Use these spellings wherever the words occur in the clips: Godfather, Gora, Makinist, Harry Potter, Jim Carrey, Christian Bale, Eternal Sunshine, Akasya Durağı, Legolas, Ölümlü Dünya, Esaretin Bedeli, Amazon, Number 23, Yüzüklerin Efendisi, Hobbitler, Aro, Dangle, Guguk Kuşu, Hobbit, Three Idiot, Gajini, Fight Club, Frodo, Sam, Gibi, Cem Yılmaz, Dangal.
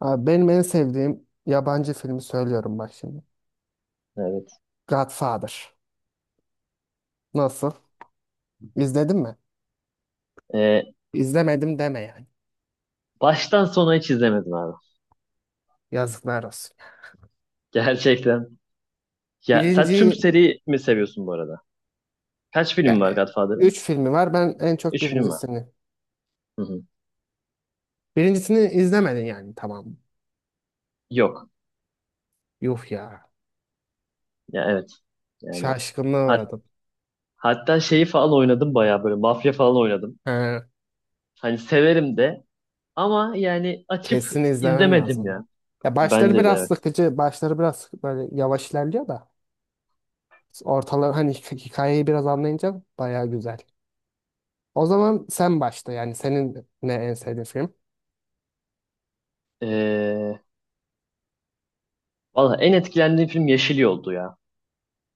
Abi benim en sevdiğim yabancı filmi söylüyorum bak şimdi. Evet. Godfather. Nasıl? İzledin mi? Ee, İzlemedim deme yani. baştan sona hiç izlemedim abi. Yazıklar olsun. Gerçekten. Ya sen tüm Birinci, seri mi seviyorsun bu arada? Kaç ya, film var Godfather'ın? üç filmi var. Ben en çok Üç film var. birincisini. Hı hı. Birincisini izlemedin yani, tamam. Yok. Yuh ya. Ya evet. Yani Şaşkınlığa hat- uğradım. hatta şeyi falan oynadım bayağı böyle mafya falan oynadım. He, Hani severim de ama yani açıp kesin izlemen izlemedim lazım. ya. Ya başları Bence de biraz evet. sıkıcı. Başları biraz böyle yavaş ilerliyor da. Ortaları hani hikayeyi biraz anlayınca baya güzel. O zaman sen başla, yani senin ne en sevdiğin film? Ee, valla en etkilendiğim film Yeşil Yol'du ya.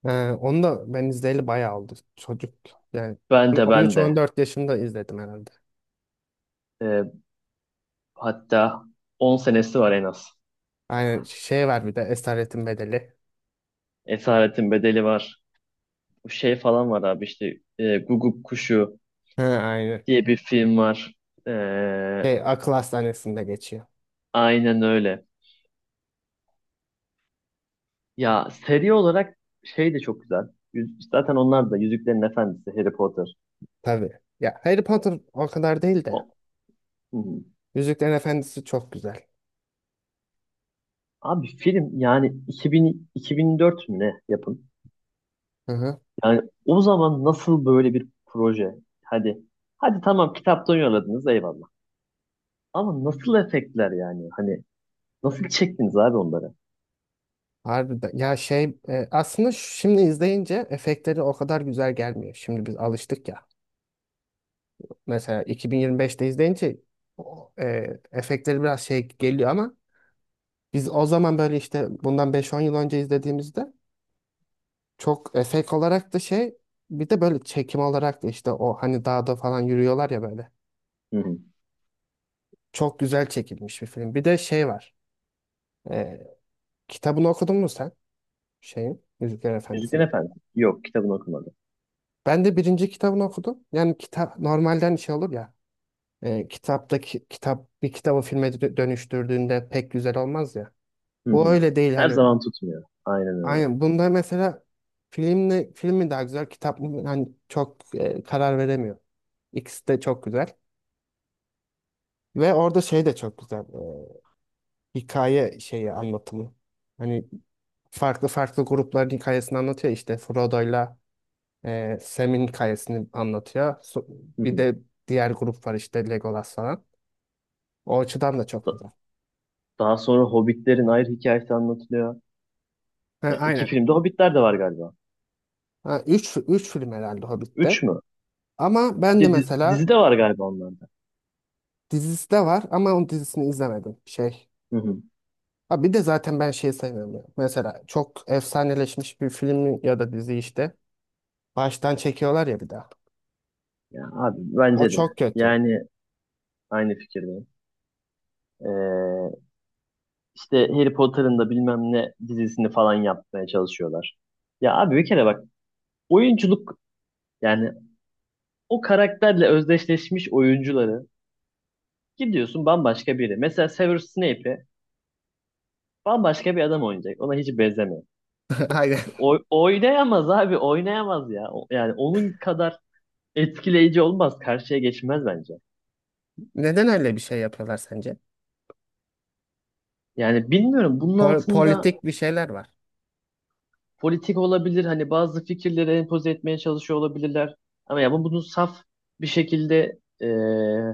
Onu da ben izleyeli bayağı oldu. Çocuk yani, Ben de ben de. 13-14 yaşında izledim herhalde. Ee, hatta 10 senesi var en az. Aynen, şey var bir de Esaretin Bedeli. Esaretin Bedeli var. Şey falan var abi işte Guguk Kuşu Ha, aynen. diye bir film var. E, Şey, akıl hastanesinde geçiyor. aynen öyle. Ya seri olarak şey de çok güzel. Zaten onlar da Yüzüklerin Efendisi, Harry Potter. Tabii. Ya Harry Potter o kadar değil de. O, Hı hı. Yüzüklerin Efendisi çok güzel. Abi film yani 2000, 2004 mü ne yapın? Hı hı. Yani o zaman nasıl böyle bir proje? Hadi hadi tamam kitaptan yolladınız eyvallah. Ama nasıl efektler yani? Hani nasıl çektiniz abi onları? Harbiden. Ya şey aslında şimdi izleyince efektleri o kadar güzel gelmiyor. Şimdi biz alıştık ya. Mesela 2025'te izleyince o, efektleri biraz şey geliyor ama biz o zaman böyle işte bundan beş on yıl önce izlediğimizde çok efekt olarak da şey, bir de böyle çekim olarak da işte o hani dağda falan yürüyorlar ya böyle. Hı hı. Çok güzel çekilmiş bir film. Bir de şey var. E, kitabını okudun mu sen? Şeyin, Yüzükler Yüzüklerin Efendisi'nin. Efendisi. Yok kitabını okumadım. Ben de birinci kitabını okudum. Yani kitap normalden şey olur ya. Kitap bir kitabı filme dönüştürdüğünde pek güzel olmaz ya. Hı Bu hı. öyle değil Her hani. zaman tutmuyor. Aynen öyle. Aynen bunda mesela film mi daha güzel, kitap mı, hani çok karar veremiyor. İkisi de çok güzel ve orada şey de çok güzel, hikaye şeyi anlatımı. Hani farklı farklı grupların hikayesini anlatıyor işte Frodo'yla Sam'in hikayesini anlatıyor. Hı Bir hı. de diğer grup var işte Legolas falan. O açıdan da çok Da- güzel. daha sonra Hobbitlerin ayrı hikayesi anlatılıyor. Ha, Ya iki aynen. filmde Hobbitler de var galiba. Ha, üç film herhalde Hobbit'te. Üç mü? Ama ben de Bir de mesela dizi de var galiba onlarda. dizisi de var ama onun dizisini izlemedim. Hı hı. Ha, bir de zaten ben şeyi sevmiyorum ya. Mesela çok efsaneleşmiş bir film ya da dizi işte. Baştan çekiyorlar ya bir daha. Ya abi O bence de. çok kötü. Yani aynı fikirdeyim. Ee, işte Harry Potter'ın da bilmem ne dizisini falan yapmaya çalışıyorlar. Ya abi bir kere bak oyunculuk yani o karakterle özdeşleşmiş oyuncuları gidiyorsun bambaşka biri. Mesela Severus Snape'i bambaşka bir adam oynayacak. Ona hiç benzemiyor. Aynen. İşte oynayamaz abi oynayamaz ya. Yani onun kadar etkileyici olmaz. Karşıya geçmez bence. Neden öyle bir şey yapıyorlar sence? Yani bilmiyorum bunun Pol- altında politik bir şeyler var. politik olabilir. Hani bazı fikirleri empoze etmeye çalışıyor olabilirler. Ama ya bu bunu saf bir şekilde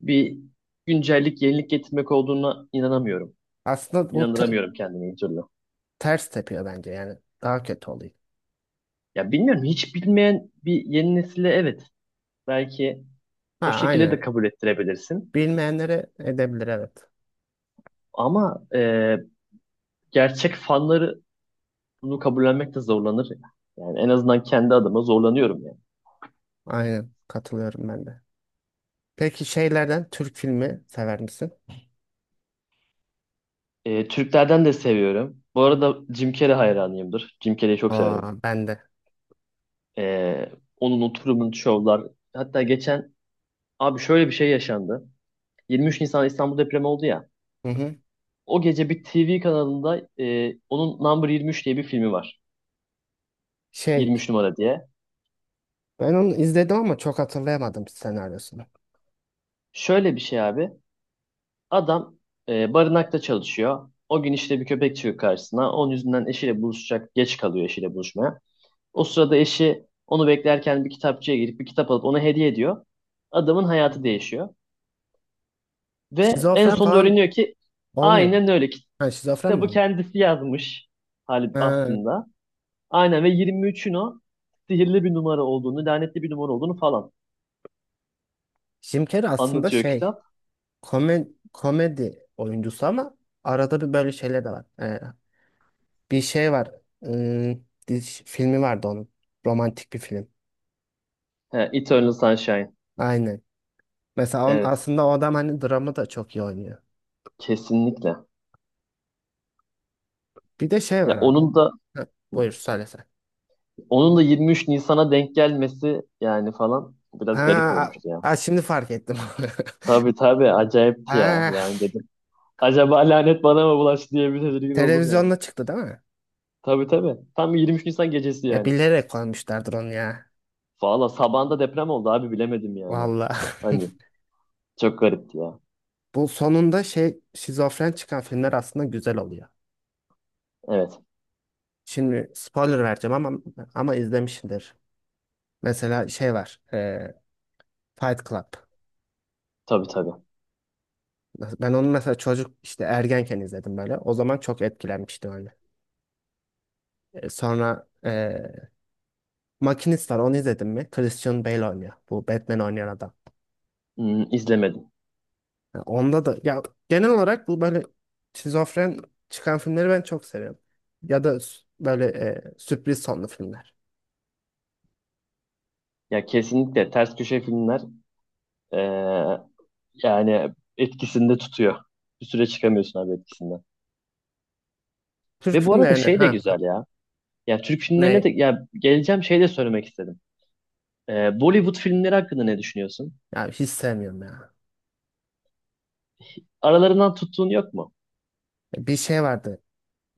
bir güncellik, yenilik getirmek olduğuna inanamıyorum. Aslında bu İnandıramıyorum kendimi bir türlü. ters tepiyor bence yani. Daha kötü oluyor. Ya bilmiyorum hiç bilmeyen bir yeni nesile evet belki Ha, o şekilde de aynen. kabul ettirebilirsin. Bilmeyenlere edebilir, evet. Ama gerçek fanları bunu kabullenmek de zorlanır ya. Yani en azından kendi adıma zorlanıyorum yani. Aynen. Katılıyorum ben de. Peki şeylerden Türk filmi sever misin? Türklerden de seviyorum. Bu arada Jim Carrey hayranıyımdır. Jim Carrey'i çok severim. Aa, ben de. Ee, onun oturumun şovlar. Hatta geçen abi şöyle bir şey yaşandı. 23 Nisan İstanbul depremi oldu ya. Hı hı. O gece bir TV kanalında onun Number 23 diye bir filmi var. Şey, 23 numara diye. ben onu izledim ama çok hatırlayamadım senaryosunu. Şöyle bir şey abi. Adam barınakta çalışıyor. O gün işte bir köpek çıkıyor karşısına. Onun yüzünden eşiyle buluşacak. Geç kalıyor eşiyle buluşmaya. O sırada eşi onu beklerken bir kitapçıya girip bir kitap alıp ona hediye ediyor. Adamın hayatı değişiyor. Ve en Şizofren sonunda falan öğreniyor ki olmuyor. aynen öyle. Ha, şizofren mi Kitabı oldu? kendisi yazmış Halip Ha, aslında. Aynen ve 23'ün o sihirli bir numara olduğunu, lanetli bir numara olduğunu falan Jim Carrey aslında anlatıyor şey kitap. komedi oyuncusu ama arada bir böyle şeyler de var. Bir şey var. Ee, filmi vardı onun. Romantik bir film. He, Eternal Sunshine. Aynen. Mesela Evet, aslında o adam hani dramı da çok iyi oynuyor. kesinlikle. Bir de şey var Ya abi. onun da Ha, buyur söyle sen. onun da 23 Nisan'a denk gelmesi yani falan Ha, biraz garip olmuştu ya. Şimdi fark ettim. Tabii tabii acayipti ya. Ha, Yani dedim acaba lanet bana mı bulaştı diye bir tedirgin oldum yani. televizyonda çıktı değil mi? Tabii tabii. Tam 23 Nisan gecesi E, yani. bilerek koymuşlardır onu ya. Valla sabahında deprem oldu abi bilemedim yani. Vallahi. Hani çok garipti ya. Bu sonunda şey şizofren çıkan filmler aslında güzel oluyor. Evet. Şimdi spoiler vereceğim ama izlemişsindir. Mesela şey var. Fight Club. Tabii tabii. Ben onu mesela çocuk işte ergenken izledim böyle. O zaman çok etkilenmiştim öyle. Sonra Makinist var, onu izledim mi? Christian Bale oynuyor. Bu Batman oynayan adam. Hmm, izlemedim. Ya onda da, ya genel olarak bu böyle şizofren çıkan filmleri ben çok seviyorum. Ya da böyle sürpriz sonlu filmler. Ya kesinlikle ters köşe filmler eee, yani etkisinde tutuyor. Bir süre çıkamıyorsun abi etkisinden. Türk Ve bu arada filmlerini, şey de ha, güzel ya. Ya Türk filmlerine ne, de ya geleceğim şey de söylemek istedim. Bollywood filmleri hakkında ne düşünüyorsun? ya hiç sevmiyorum ya. Aralarından tuttuğun yok mu? Bir şey vardı.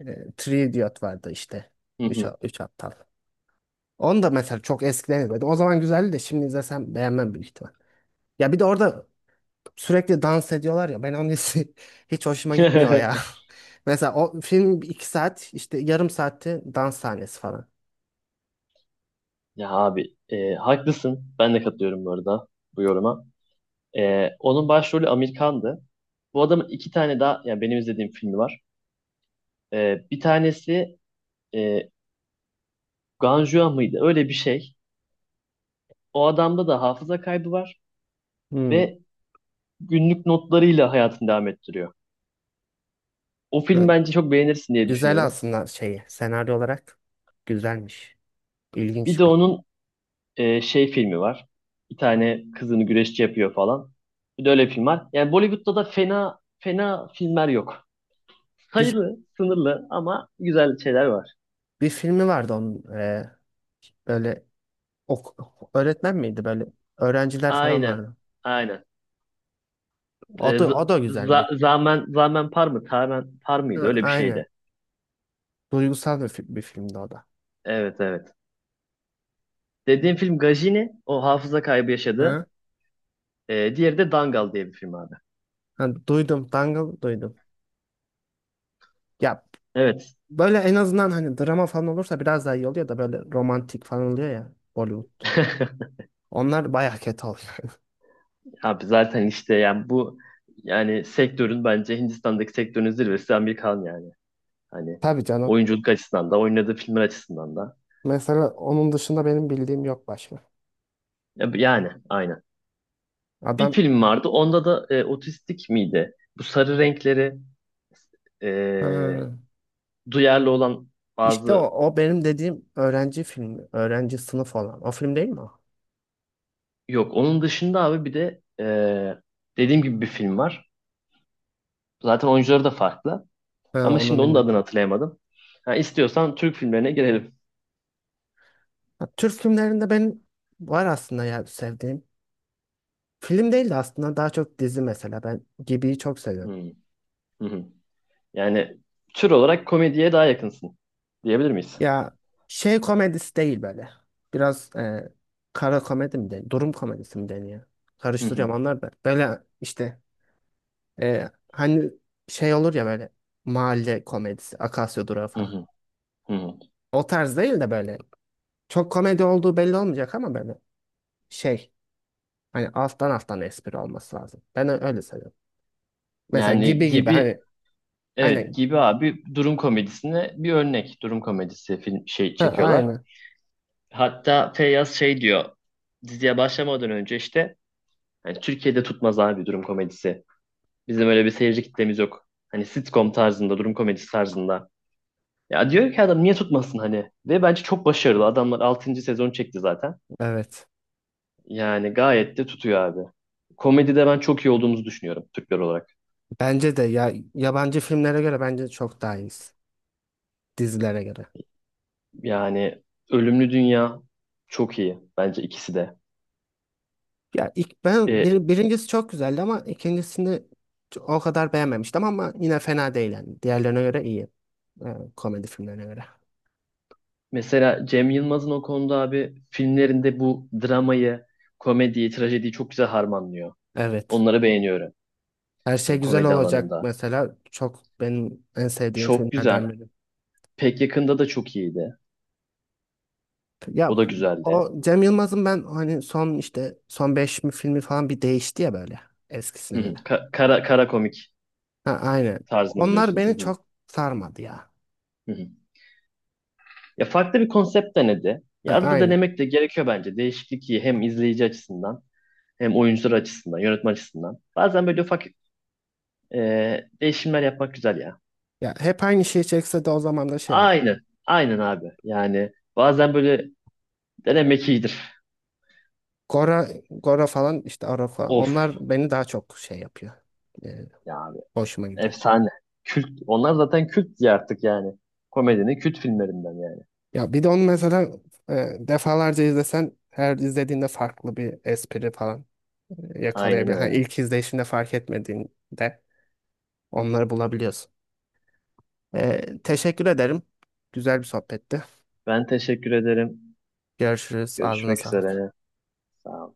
Three Idiot vardı işte. Hı Üç, hı. üç aptal. Onu da mesela çok eskiden izledim. O zaman güzeldi de şimdi izlesem beğenmem büyük ihtimal. Ya bir de orada sürekli dans ediyorlar ya. Ben onun hissi hiç hoşuma gitmiyor ya. Mesela o film 2 saat, işte yarım saatte dans sahnesi falan. Ya abi haklısın. Ben de katılıyorum bu arada bu yoruma. Onun başrolü Amir Khan'dı. Bu adamın iki tane daha yani benim izlediğim filmi var. Bir tanesi e, Ganjua mıydı? Öyle bir şey. O adamda da hafıza kaybı var Hmm. ve günlük notlarıyla hayatını devam ettiriyor. O Ha, film bence çok beğenirsin diye güzel düşünüyorum. aslında şeyi, senaryo olarak güzelmiş. Bir de İlginç bir. onun şey filmi var. Bir tane kızını güreşçi yapıyor falan. Bir de öyle bir film var. Yani Bollywood'da da fena fena filmler yok. Bir, Sayılı, sınırlı ama güzel şeyler var. bir filmi vardı onun, böyle öğretmen miydi, böyle öğrenciler falan Aynen, vardı. aynen. O Ee, da, z- o da güzel bir. za- zamen, zamen par mı? Tamen par mıydı? Ha, Öyle bir aynen. şeydi. Duygusal bir filmdi o da. Evet, evet. Dediğim film Gajini, o hafıza kaybı yaşadı. Hı? Diğeri de Dangal diye bir film abi. Hani duydum, Dangle duydum. Ya Evet. böyle en azından hani drama falan olursa biraz daha iyi oluyor da böyle romantik falan oluyor ya Bollywood. Onlar bayağı kötü oluyor. Abi zaten işte yani bu yani sektörün bence Hindistan'daki sektörün zirvesi Amerikan yani. Hani Tabii canım. oyunculuk açısından da oynadığı filmler açısından da. Mesela onun dışında benim bildiğim yok başka. Yani aynen. Bir Adam, film vardı. Onda da otistik miydi? Bu sarı renkleri e, ha, duyarlı olan işte bazı o benim dediğim öğrenci filmi. Öğrenci sınıf olan. O film değil mi o? yok. Onun dışında abi bir de dediğim gibi bir film var. Zaten oyuncuları da farklı. Ha, Ama onu şimdi onun da bilmiyorum. adını hatırlayamadım. Ha, istiyorsan Türk filmlerine girelim. Ha, Türk filmlerinde benim var aslında, ya sevdiğim. Film değil de aslında daha çok dizi mesela. Ben Gibi'yi çok seviyorum. Hmm, hı hı. Yani tür olarak komediye daha yakınsın diyebilir miyiz? Ya şey komedisi değil böyle. Biraz kara komedi mi deniyor? Durum komedisi mi deniyor? Hı hı, Karıştırıyorum onlar da. Böyle işte hani şey olur ya böyle, mahalle komedisi, Akasya Durağı hı falan. hı, hı hı. O tarz değil de böyle çok komedi olduğu belli olmayacak ama böyle şey, hani alttan alttan espri olması lazım. Ben öyle seviyorum. Mesela Yani gibi gibi gibi hani, evet aynen. gibi abi durum komedisine bir örnek durum komedisi film şey Ha, çekiyorlar. aynen. Hatta Feyyaz şey diyor diziye başlamadan önce işte yani Türkiye'de tutmaz abi durum komedisi. Bizim öyle bir seyirci kitlemiz yok. Hani sitcom tarzında, durum komedisi tarzında. Ya diyor ki adam niye tutmasın hani? Ve bence çok başarılı. Adamlar 6. sezon çekti zaten. Evet. Yani gayet de tutuyor abi. Komedide ben çok iyi olduğumuzu düşünüyorum Türkler olarak. Bence de ya, yabancı filmlere göre bence çok daha iyiyiz. Dizilere göre. Yani Ölümlü Dünya çok iyi. Bence ikisi de. Ya ilk ben E, birincisi çok güzeldi ama ikincisini o kadar beğenmemiştim ama yine fena değil yani. Diğerlerine göre iyi. Ee, komedi filmlerine göre. mesela Cem Yılmaz'ın o konuda abi filmlerinde bu dramayı, komediyi, trajediyi çok güzel harmanlıyor. Evet. Onları beğeniyorum. Her şey Hani güzel komedi olacak alanında. mesela. Çok benim en sevdiğim Çok güzel. filmlerden biri. Pek yakında da çok iyiydi. O Ya da güzeldi. o Cem Yılmaz'ın, ben hani son işte son 5 mi filmi falan, bir değişti ya böyle eskisine Hı hı. göre. Kara komik Ha, aynen. tarzını Onlar biliyorsun. Hı beni hı. çok sarmadı ya. Hı hı. Ya farklı bir konsept denedi. Ha, Ya arada aynen. denemek de gerekiyor bence. Değişiklik iyi hem izleyici açısından hem oyuncular açısından, yönetmen açısından. Bazen böyle ufak e, değişimler yapmak güzel ya. Ya hep aynı şeyi çekse de o zaman da şey olur. Aynen. Aynen abi. Yani bazen böyle denemek iyidir. Gora, Gora falan işte Aro falan. Of Onlar beni daha çok şey yapıyor. E, ya abi. hoşuma gidiyor. Efsane. Kült. Onlar zaten kült diye artık yani. Komedinin kült filmlerinden yani. Ya bir de onu mesela defalarca izlesen her izlediğinde farklı bir espri falan Aynen yakalayabilir. Hani öyle. ilk izleyişinde fark etmediğinde onları bulabiliyorsun. Teşekkür ederim. Güzel bir sohbetti. Ben teşekkür ederim. Görüşürüz. Ağzına Görüşmek sağlık. üzere. Sağ ol.